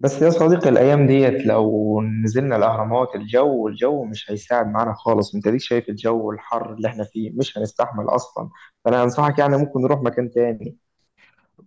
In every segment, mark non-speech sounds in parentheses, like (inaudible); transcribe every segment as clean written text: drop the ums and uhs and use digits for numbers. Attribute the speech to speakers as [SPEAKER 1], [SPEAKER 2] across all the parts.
[SPEAKER 1] بس يا صديقي الأيام ديت لو نزلنا الأهرامات، الجو مش هيساعد معانا خالص. أنت ليك شايف الجو الحر اللي إحنا فيه، مش هنستحمل أصلا. فأنا أنصحك يعني ممكن نروح مكان تاني.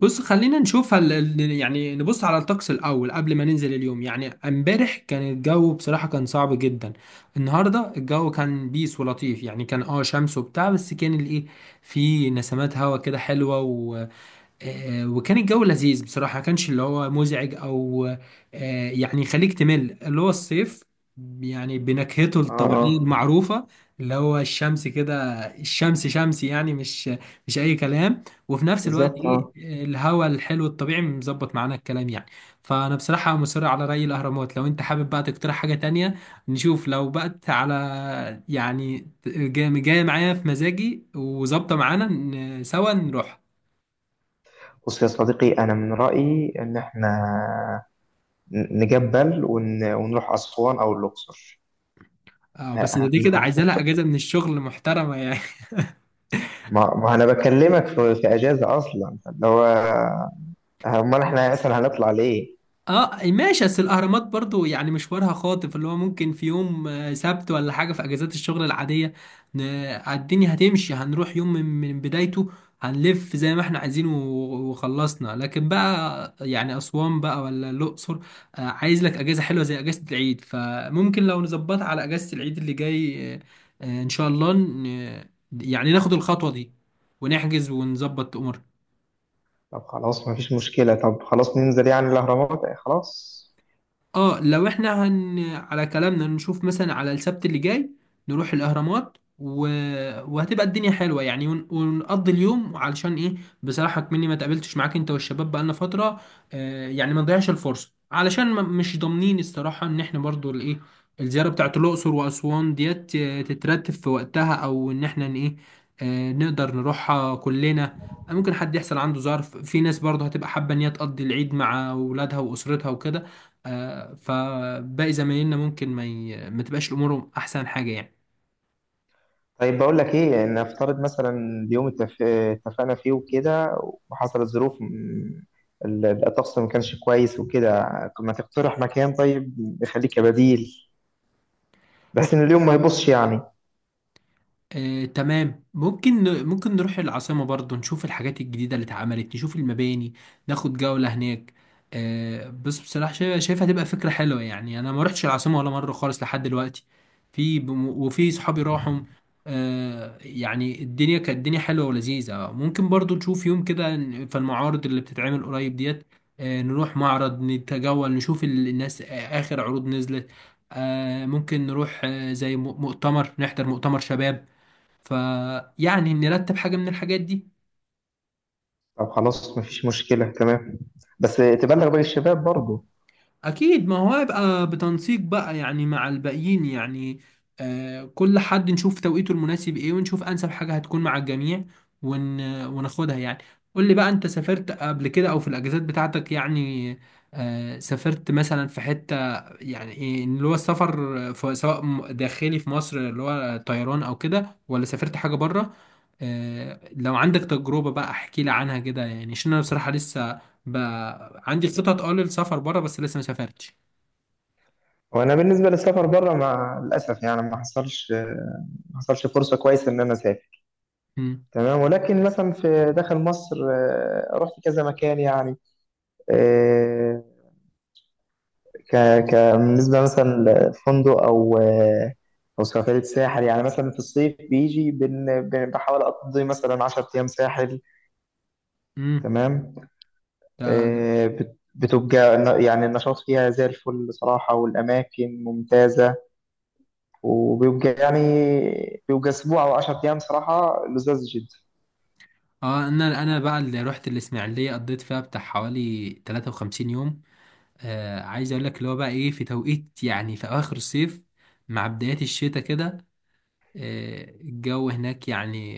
[SPEAKER 2] بص، خلينا نشوف يعني نبص على الطقس الأول قبل ما ننزل اليوم. يعني امبارح كان الجو بصراحة كان صعب جدا. النهاردة الجو كان بيس ولطيف، يعني كان شمس وبتاع، بس كان الايه، في نسمات هوا كده حلوة وكان الجو لذيذ بصراحة، ما كانش اللي هو مزعج أو، يعني يخليك تمل اللي هو الصيف، يعني بنكهته
[SPEAKER 1] آه
[SPEAKER 2] الطبيعية
[SPEAKER 1] آه.
[SPEAKER 2] المعروفة، اللي هو الشمس كده. الشمس شمسي يعني، مش أي كلام، وفي نفس الوقت
[SPEAKER 1] بالظبط
[SPEAKER 2] إيه،
[SPEAKER 1] آه.
[SPEAKER 2] الهواء الحلو الطبيعي مظبط معانا الكلام يعني. فأنا بصراحة مصر على رأي الأهرامات، لو أنت حابب بقى تقترح حاجة تانية نشوف. لو بقت على يعني جاي معايا في مزاجي وظابطة معانا، سوا نروح.
[SPEAKER 1] بص يا صديقي، أنا من رأيي إن إحنا نجبل ونروح أسوان أو الأقصر.
[SPEAKER 2] اه بس دي كده عايزه
[SPEAKER 1] هنخط.
[SPEAKER 2] لها اجازه من الشغل محترمه يعني. (laughs)
[SPEAKER 1] ما أنا بكلمك في أجازة أصلا اللي هو أمال إحنا أصلا هنطلع ليه؟
[SPEAKER 2] اه ماشي، بس الاهرامات برضو يعني مشوارها خاطف، اللي هو ممكن في يوم سبت ولا حاجه في اجازات الشغل العاديه. الدنيا هتمشي، هنروح يوم من بدايته، هنلف زي ما احنا عايزين وخلصنا. لكن بقى يعني اسوان بقى ولا الاقصر، عايز لك اجازه حلوه زي اجازه العيد. فممكن لو نظبطها على اجازه العيد اللي جاي، ان شاء الله يعني ناخد الخطوه دي ونحجز ونظبط امورنا.
[SPEAKER 1] طب خلاص مفيش مشكلة، طب خلاص ننزل يعني الأهرامات، خلاص.
[SPEAKER 2] اه لو احنا على كلامنا، نشوف مثلا على السبت اللي جاي نروح الاهرامات وهتبقى الدنيا حلوه يعني، ونقضي اليوم، علشان ايه، بصراحه كمني ما تقابلتش معاك انت والشباب بقالنا فتره. يعني ما نضيعش الفرصه، علشان ما... مش ضامنين الصراحه ان احنا برضو الايه الزياره بتاعت الاقصر واسوان ديت تترتب في وقتها، او ان احنا ايه، نقدر نروحها كلنا. ممكن حد يحصل عنده ظرف، في ناس برضه هتبقى حابه ان هي تقضي العيد مع اولادها واسرتها وكده. فباقي زمايلنا ممكن ما تبقاش امورهم احسن حاجه يعني.
[SPEAKER 1] طيب بقول لك إيه، يعني نفترض مثلا اليوم اتفقنا فيه وكده، وحصلت ظروف الطقس ما كانش كويس وكده. ما تقترح مكان طيب يخليك كبديل، بس إن اليوم ما يبصش يعني.
[SPEAKER 2] تمام، ممكن نروح العاصمة برضو، نشوف الحاجات الجديدة اللي اتعملت، نشوف المباني، ناخد جولة هناك. بس بصراحة شايفها تبقى فكرة حلوة يعني، أنا ما رحتش العاصمة ولا مرة خالص لحد دلوقتي. وفي صحابي راحوا، يعني الدنيا كانت، الدنيا حلوة ولذيذة. ممكن برضو نشوف يوم كده، في المعارض اللي بتتعمل قريب ديت، نروح معرض نتجول، نشوف الناس آخر عروض نزلت. ممكن نروح زي مؤتمر، نحضر مؤتمر شباب، فيعني نرتب حاجة من الحاجات دي.
[SPEAKER 1] طب خلاص مفيش مشكلة، تمام. بس تبلغ باقي الشباب برضه.
[SPEAKER 2] أكيد، ما هو هيبقى بتنسيق بقى يعني مع الباقيين يعني. كل حد نشوف توقيته المناسب إيه، ونشوف أنسب حاجة هتكون مع الجميع وناخدها يعني. قول لي بقى، أنت سافرت قبل كده أو في الأجازات بتاعتك يعني، سافرت مثلا في حتة يعني، إيه اللي هو السفر، في سواء داخلي في مصر، اللي هو طيران أو كده، ولا سافرت حاجة بره؟ لو عندك تجربة بقى احكي لي عنها كده، يعني عشان انا بصراحة لسه بقى عندي خطط للسفر بره، بس لسه ما سافرتش.
[SPEAKER 1] وأنا بالنسبة للسفر بره مع الأسف يعني ما حصلش، ما حصلش فرصة كويسة إن أنا أسافر.
[SPEAKER 2] مم.
[SPEAKER 1] تمام، ولكن مثلا في داخل مصر رحت كذا مكان يعني. آه، ك ك بالنسبه مثلا لفندق او او سفريه ساحل، يعني مثلا في الصيف بيجي بحاول اقضي مثلا 10 ايام ساحل.
[SPEAKER 2] مم.
[SPEAKER 1] تمام.
[SPEAKER 2] ده
[SPEAKER 1] بتبقى يعني النشاط فيها زي الفل بصراحه، والاماكن ممتازه. وبيبقى يعني بيبقى اسبوع او 10 ايام صراحه لذاذ جدا.
[SPEAKER 2] اه، انا بقى اللي رحت الاسماعيلية قضيت فيها بتاع حوالي 53 يوم. عايز اقول لك، اللي هو بقى ايه، في توقيت يعني في اواخر الصيف مع بدايات الشتاء كده. الجو هناك يعني،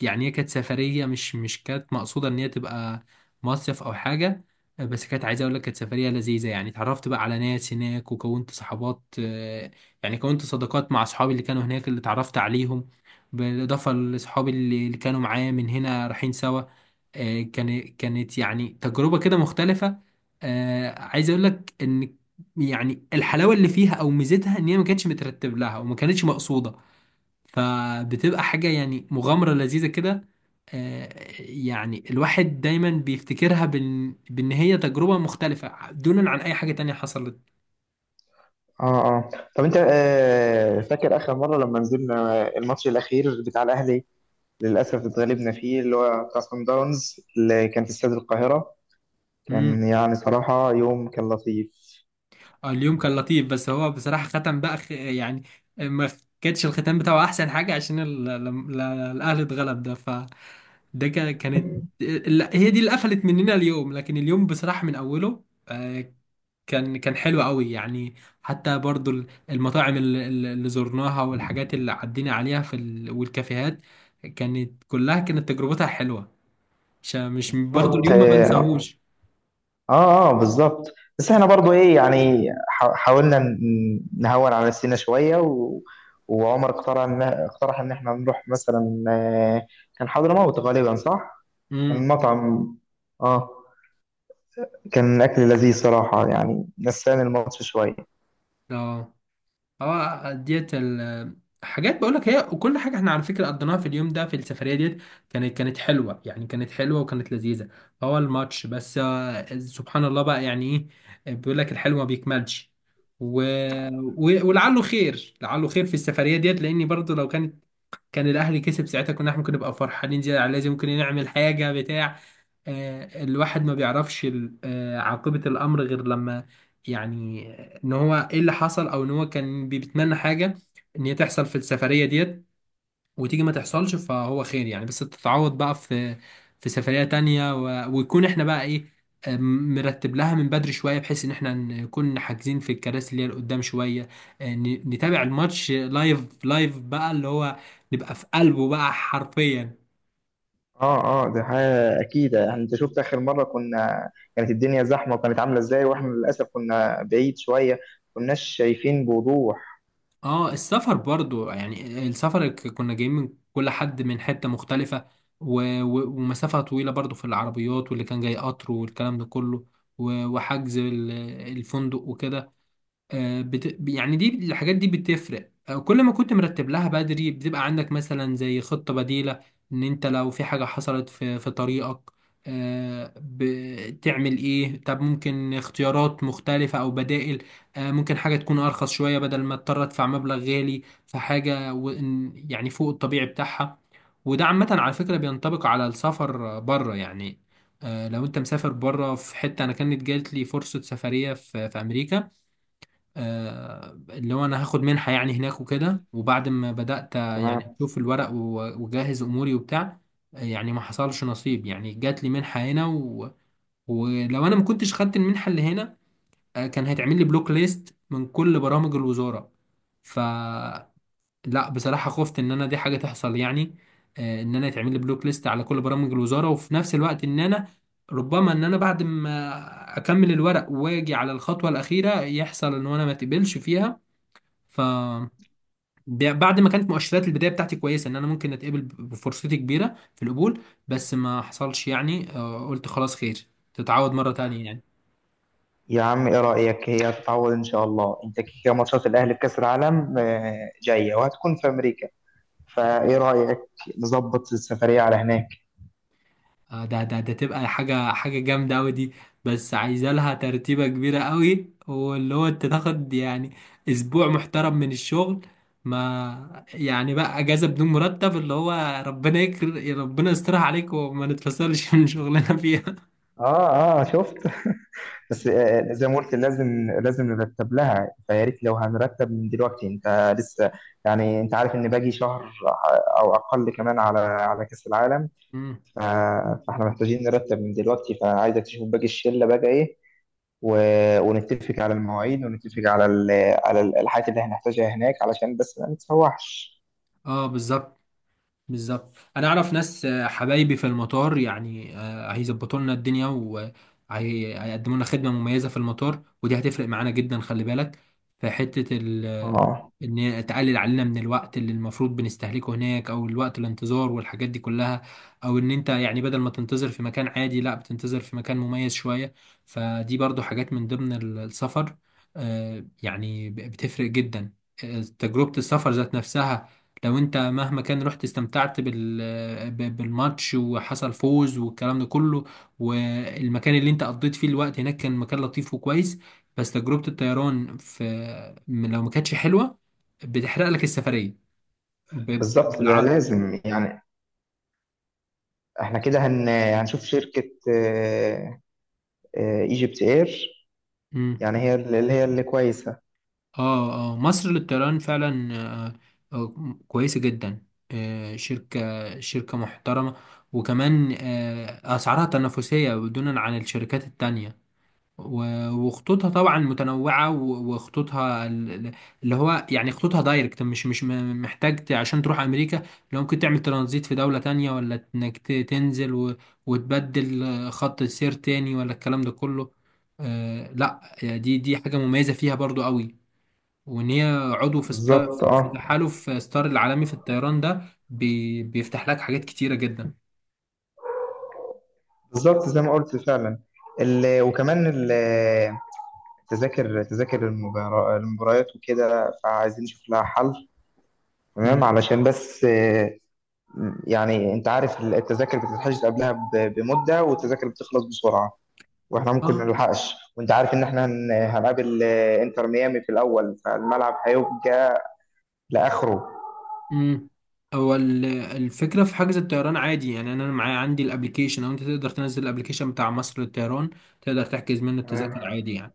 [SPEAKER 2] يعني هي كانت سفرية، مش كانت مقصودة إن هي تبقى مصيف أو حاجة. بس كانت، عايز أقول لك، كانت سفرية لذيذة يعني، اتعرفت بقى على ناس هناك وكونت صحابات. يعني كونت صداقات مع أصحابي اللي كانوا هناك، اللي اتعرفت عليهم، بالإضافة لأصحابي اللي كانوا معايا من هنا رايحين سوا. كانت يعني تجربة كده مختلفة. عايز أقول لك إن يعني الحلاوة اللي فيها أو ميزتها إن هي ما كانتش مترتب لها وما كانتش مقصودة، فبتبقى حاجة يعني مغامرة لذيذة كده. آه، يعني الواحد دايما بيفتكرها بان هي تجربة مختلفة دونا عن اي حاجة تانية حصلت.
[SPEAKER 1] اه اه. طب انت آه فاكر اخر مره لما نزلنا الماتش الاخير بتاع الاهلي؟ للاسف اتغلبنا فيه، اللي هو بتاع صن داونز اللي كان في استاد القاهره. كان
[SPEAKER 2] امم
[SPEAKER 1] يعني صراحه يوم كان لطيف.
[SPEAKER 2] اليوم كان لطيف، بس هو بصراحة ختم بقى يعني، ما كانتش الختام بتاعه احسن حاجة عشان ال... لم- ل- الاهلي اتغلب ده، فده كانت،
[SPEAKER 1] (laughs)
[SPEAKER 2] هي دي اللي قفلت مننا اليوم. لكن اليوم بصراحة من اوله، آه، كان حلو قوي يعني. حتى برضو المطاعم اللي زرناها، والحاجات اللي عدينا عليها والكافيهات، كانت كلها كانت تجربتها حلوة. مش
[SPEAKER 1] انت
[SPEAKER 2] برضو
[SPEAKER 1] شفت.
[SPEAKER 2] اليوم ما
[SPEAKER 1] اه
[SPEAKER 2] بنساهوش.
[SPEAKER 1] اه اه، بالظبط. بس احنا برضو ايه يعني حاولنا نهون على نفسنا شويه وعمر اقترح اقترح ان احنا نروح مثلا، كان حضرموت غالبا، صح؟ كان
[SPEAKER 2] امم
[SPEAKER 1] مطعم. اه، كان أكل لذيذ صراحة، يعني نساني الماتش شوية.
[SPEAKER 2] اه اه، ديت حاجات بقول لك، هي وكل حاجه احنا على فكره قضيناها في اليوم ده في السفريه ديت، كانت حلوه يعني، كانت حلوه وكانت لذيذه. هو الماتش بس سبحان الله بقى يعني، ايه، بيقول لك الحلو ما بيكملش. و... ولعله خير، لعله خير في السفريه ديت، لاني برضو لو كان الاهلي كسب ساعتها، كنا احنا ممكن نبقى فرحانين زياده على لازم، ممكن نعمل حاجه بتاع. الواحد ما بيعرفش عاقبة الأمر غير لما، يعني إن هو إيه اللي حصل، أو إن هو كان بيتمنى حاجة إن هي تحصل في السفرية ديت، وتيجي ما تحصلش، فهو خير يعني، بس تتعوض بقى في سفرية تانية، ويكون إحنا بقى إيه، مرتب لها من بدري شوية، بحيث إن إحنا نكون حاجزين في الكراسي اللي هي قدام شوية، نتابع الماتش لايف لايف بقى، اللي هو نبقى في قلبه بقى حرفيا.
[SPEAKER 1] اه اه، دي حاجة أكيد يعني. أنت شفت آخر مرة كنا، كانت الدنيا زحمة وكانت عاملة إزاي، وإحنا للأسف كنا بعيد شوية، كناش شايفين بوضوح.
[SPEAKER 2] اه، السفر برضو يعني السفر كنا جايين من كل حد من حتة مختلفة، و... ومسافة طويلة برضو في العربيات، واللي كان جاي قطر والكلام ده كله، وحجز الفندق وكده. يعني، دي، الحاجات دي بتفرق، كل ما كنت مرتب لها بدري بتبقى عندك مثلا زي خطة بديلة، ان انت لو في حاجة حصلت في طريقك، بتعمل ايه؟ طب ممكن اختيارات مختلفة او بدائل. ممكن حاجة تكون ارخص شوية، بدل ما اضطر ادفع مبلغ غالي في حاجة يعني فوق الطبيعي بتاعها. وده عامة على فكرة بينطبق على السفر بره يعني. لو انت مسافر بره في حتة، انا كانت جات لي فرصة سفرية في امريكا، اللي هو انا هاخد منحة يعني هناك وكده، وبعد ما بدأت يعني
[SPEAKER 1] تمام.
[SPEAKER 2] اشوف الورق واجهز اموري وبتاع، يعني ما حصلش نصيب يعني، جات لي منحة هنا ولو انا ما كنتش خدت المنحة اللي هنا، كان هيتعمل لي بلوك ليست من كل برامج الوزارة. ف لا بصراحة خفت ان انا دي حاجة تحصل يعني، ان انا يتعمل لي بلوك ليست على كل برامج الوزارة، وفي نفس الوقت ان انا ربما ان انا بعد ما اكمل الورق واجي على الخطوة الأخيرة يحصل ان انا ما اتقبلش فيها، ف بعد ما كانت مؤشرات البدايه بتاعتي كويسه ان انا ممكن اتقبل، بفرصتي كبيره في القبول، بس ما حصلش يعني. قلت خلاص خير، تتعود مره تانية يعني.
[SPEAKER 1] يا عم إيه رأيك؟ هي هتتعوض إن شاء الله. أنت كده كده ماتشات الأهلي في كأس العالم جاية وهتكون في أمريكا، فإيه رأيك نظبط السفرية على هناك؟
[SPEAKER 2] ده ده تبقى حاجه جامده قوي دي، بس عايزه لها ترتيبه كبيره قوي، واللي هو انت تاخد يعني اسبوع محترم من الشغل، ما يعني بقى اجازه بدون مرتب، اللي هو ربنا يسترها عليك وما نتفصلش (laughs) من شغلنا فيها.
[SPEAKER 1] اه اه شفت. (laughs) بس زي ما قلت لازم نرتب لها، فيا ريت لو هنرتب من دلوقتي. انت لسه يعني انت عارف ان باقي شهر او اقل كمان على كاس العالم.
[SPEAKER 2] مم.
[SPEAKER 1] ف- فاحنا محتاجين نرتب من دلوقتي، فعايزك تشوف باقي الشله بقى ايه، ونتفق على المواعيد، ونتفق على على الحاجات اللي هنحتاجها هناك علشان بس ما نتسوحش.
[SPEAKER 2] اه بالظبط، بالظبط، انا اعرف ناس، حبايبي في المطار، يعني هيظبطوا لنا الدنيا وهيقدموا لنا خدمه مميزه في المطار، ودي هتفرق معانا جدا، خلي بالك. في حته
[SPEAKER 1] اه
[SPEAKER 2] ان هي تقلل علينا من الوقت اللي المفروض بنستهلكه هناك، او الوقت الانتظار والحاجات دي كلها، او ان انت يعني بدل ما تنتظر في مكان عادي لا بتنتظر في مكان مميز شويه. فدي برضو حاجات من ضمن السفر، يعني بتفرق جدا. تجربه السفر ذات نفسها، لو انت مهما كان رحت، استمتعت بالماتش، وحصل فوز والكلام ده كله، والمكان اللي انت قضيت فيه الوقت هناك كان مكان لطيف وكويس، بس تجربة الطيران لو ما كانتش حلوة، بتحرق لك السفرية
[SPEAKER 1] بالظبط، ده
[SPEAKER 2] بالعربي.
[SPEAKER 1] لازم يعني. احنا كده هنشوف شركة ايجيبت اير،
[SPEAKER 2] مم.
[SPEAKER 1] يعني هي اللي هي اللي كويسة.
[SPEAKER 2] اه اه، مصر للطيران فعلا، كويسة جدا، شركة محترمة، وكمان أسعارها تنافسية بدون عن الشركات التانية، وخطوطها طبعا متنوعة، وخطوطها اللي هو يعني خطوطها دايركت، مش محتاج عشان تروح أمريكا لو ممكن، تعمل ترانزيت في دولة تانية، ولا إنك تنزل وتبدل خط السير تاني، ولا الكلام ده كله. لا، دي حاجة مميزة فيها برضو قوي. وإن هي عضو
[SPEAKER 1] بالظبط
[SPEAKER 2] في
[SPEAKER 1] اه.
[SPEAKER 2] تحالف ستار العالمي في الطيران ده، بيفتح لك حاجات كتيرة جدا.
[SPEAKER 1] بالظبط زي ما قلت فعلا. ال... وكمان ال- تذاكر تذاكر المباريات وكده، فعايزين نشوف لها حل. تمام
[SPEAKER 2] مم.
[SPEAKER 1] علشان بس آه، يعني انت عارف التذاكر بتتحجز قبلها بمدة، والتذاكر بتخلص بسرعة، واحنا ممكن ما
[SPEAKER 2] اه.
[SPEAKER 1] نلحقش. وانت عارف ان احنا هنقابل انتر ميامي في الاول، فالملعب هيبقى لاخره.
[SPEAKER 2] امم هو الفكره في حجز الطيران عادي يعني، انا معايا، عندي الابليكيشن، او انت تقدر تنزل الابليكيشن بتاع مصر للطيران، تقدر تحجز منه التذاكر
[SPEAKER 1] تمام
[SPEAKER 2] عادي يعني.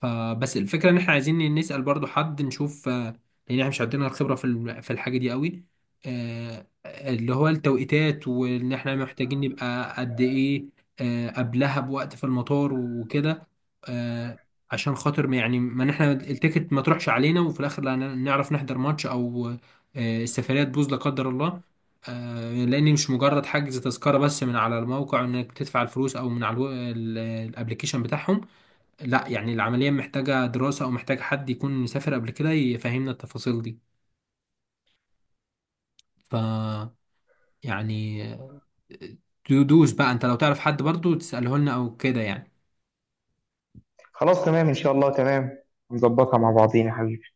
[SPEAKER 2] فبس الفكرة ان احنا عايزين نسأل برضو حد نشوف، لان احنا مش عندنا الخبرة في الحاجة دي قوي، اللي هو التوقيتات، وان احنا محتاجين نبقى قد ايه قبلها بوقت في المطار وكده. آه، عشان خاطر يعني، ما إن احنا التيكت ما تروحش علينا، وفي الاخر لا نعرف نحضر ماتش، او السفرية تبوظ لا قدر الله. لان مش مجرد حجز تذكرة بس من على الموقع انك تدفع الفلوس، او من على الابلكيشن بتاعهم، لا، يعني العملية محتاجة دراسة، أو محتاج حد يكون مسافر قبل كده يفهمنا التفاصيل دي. ف يعني، تدوس بقى أنت لو تعرف حد برضو تسأله لنا أو كده يعني.
[SPEAKER 1] خلاص، تمام ان شاء الله، تمام نظبطها مع بعضينا يا حبيبي.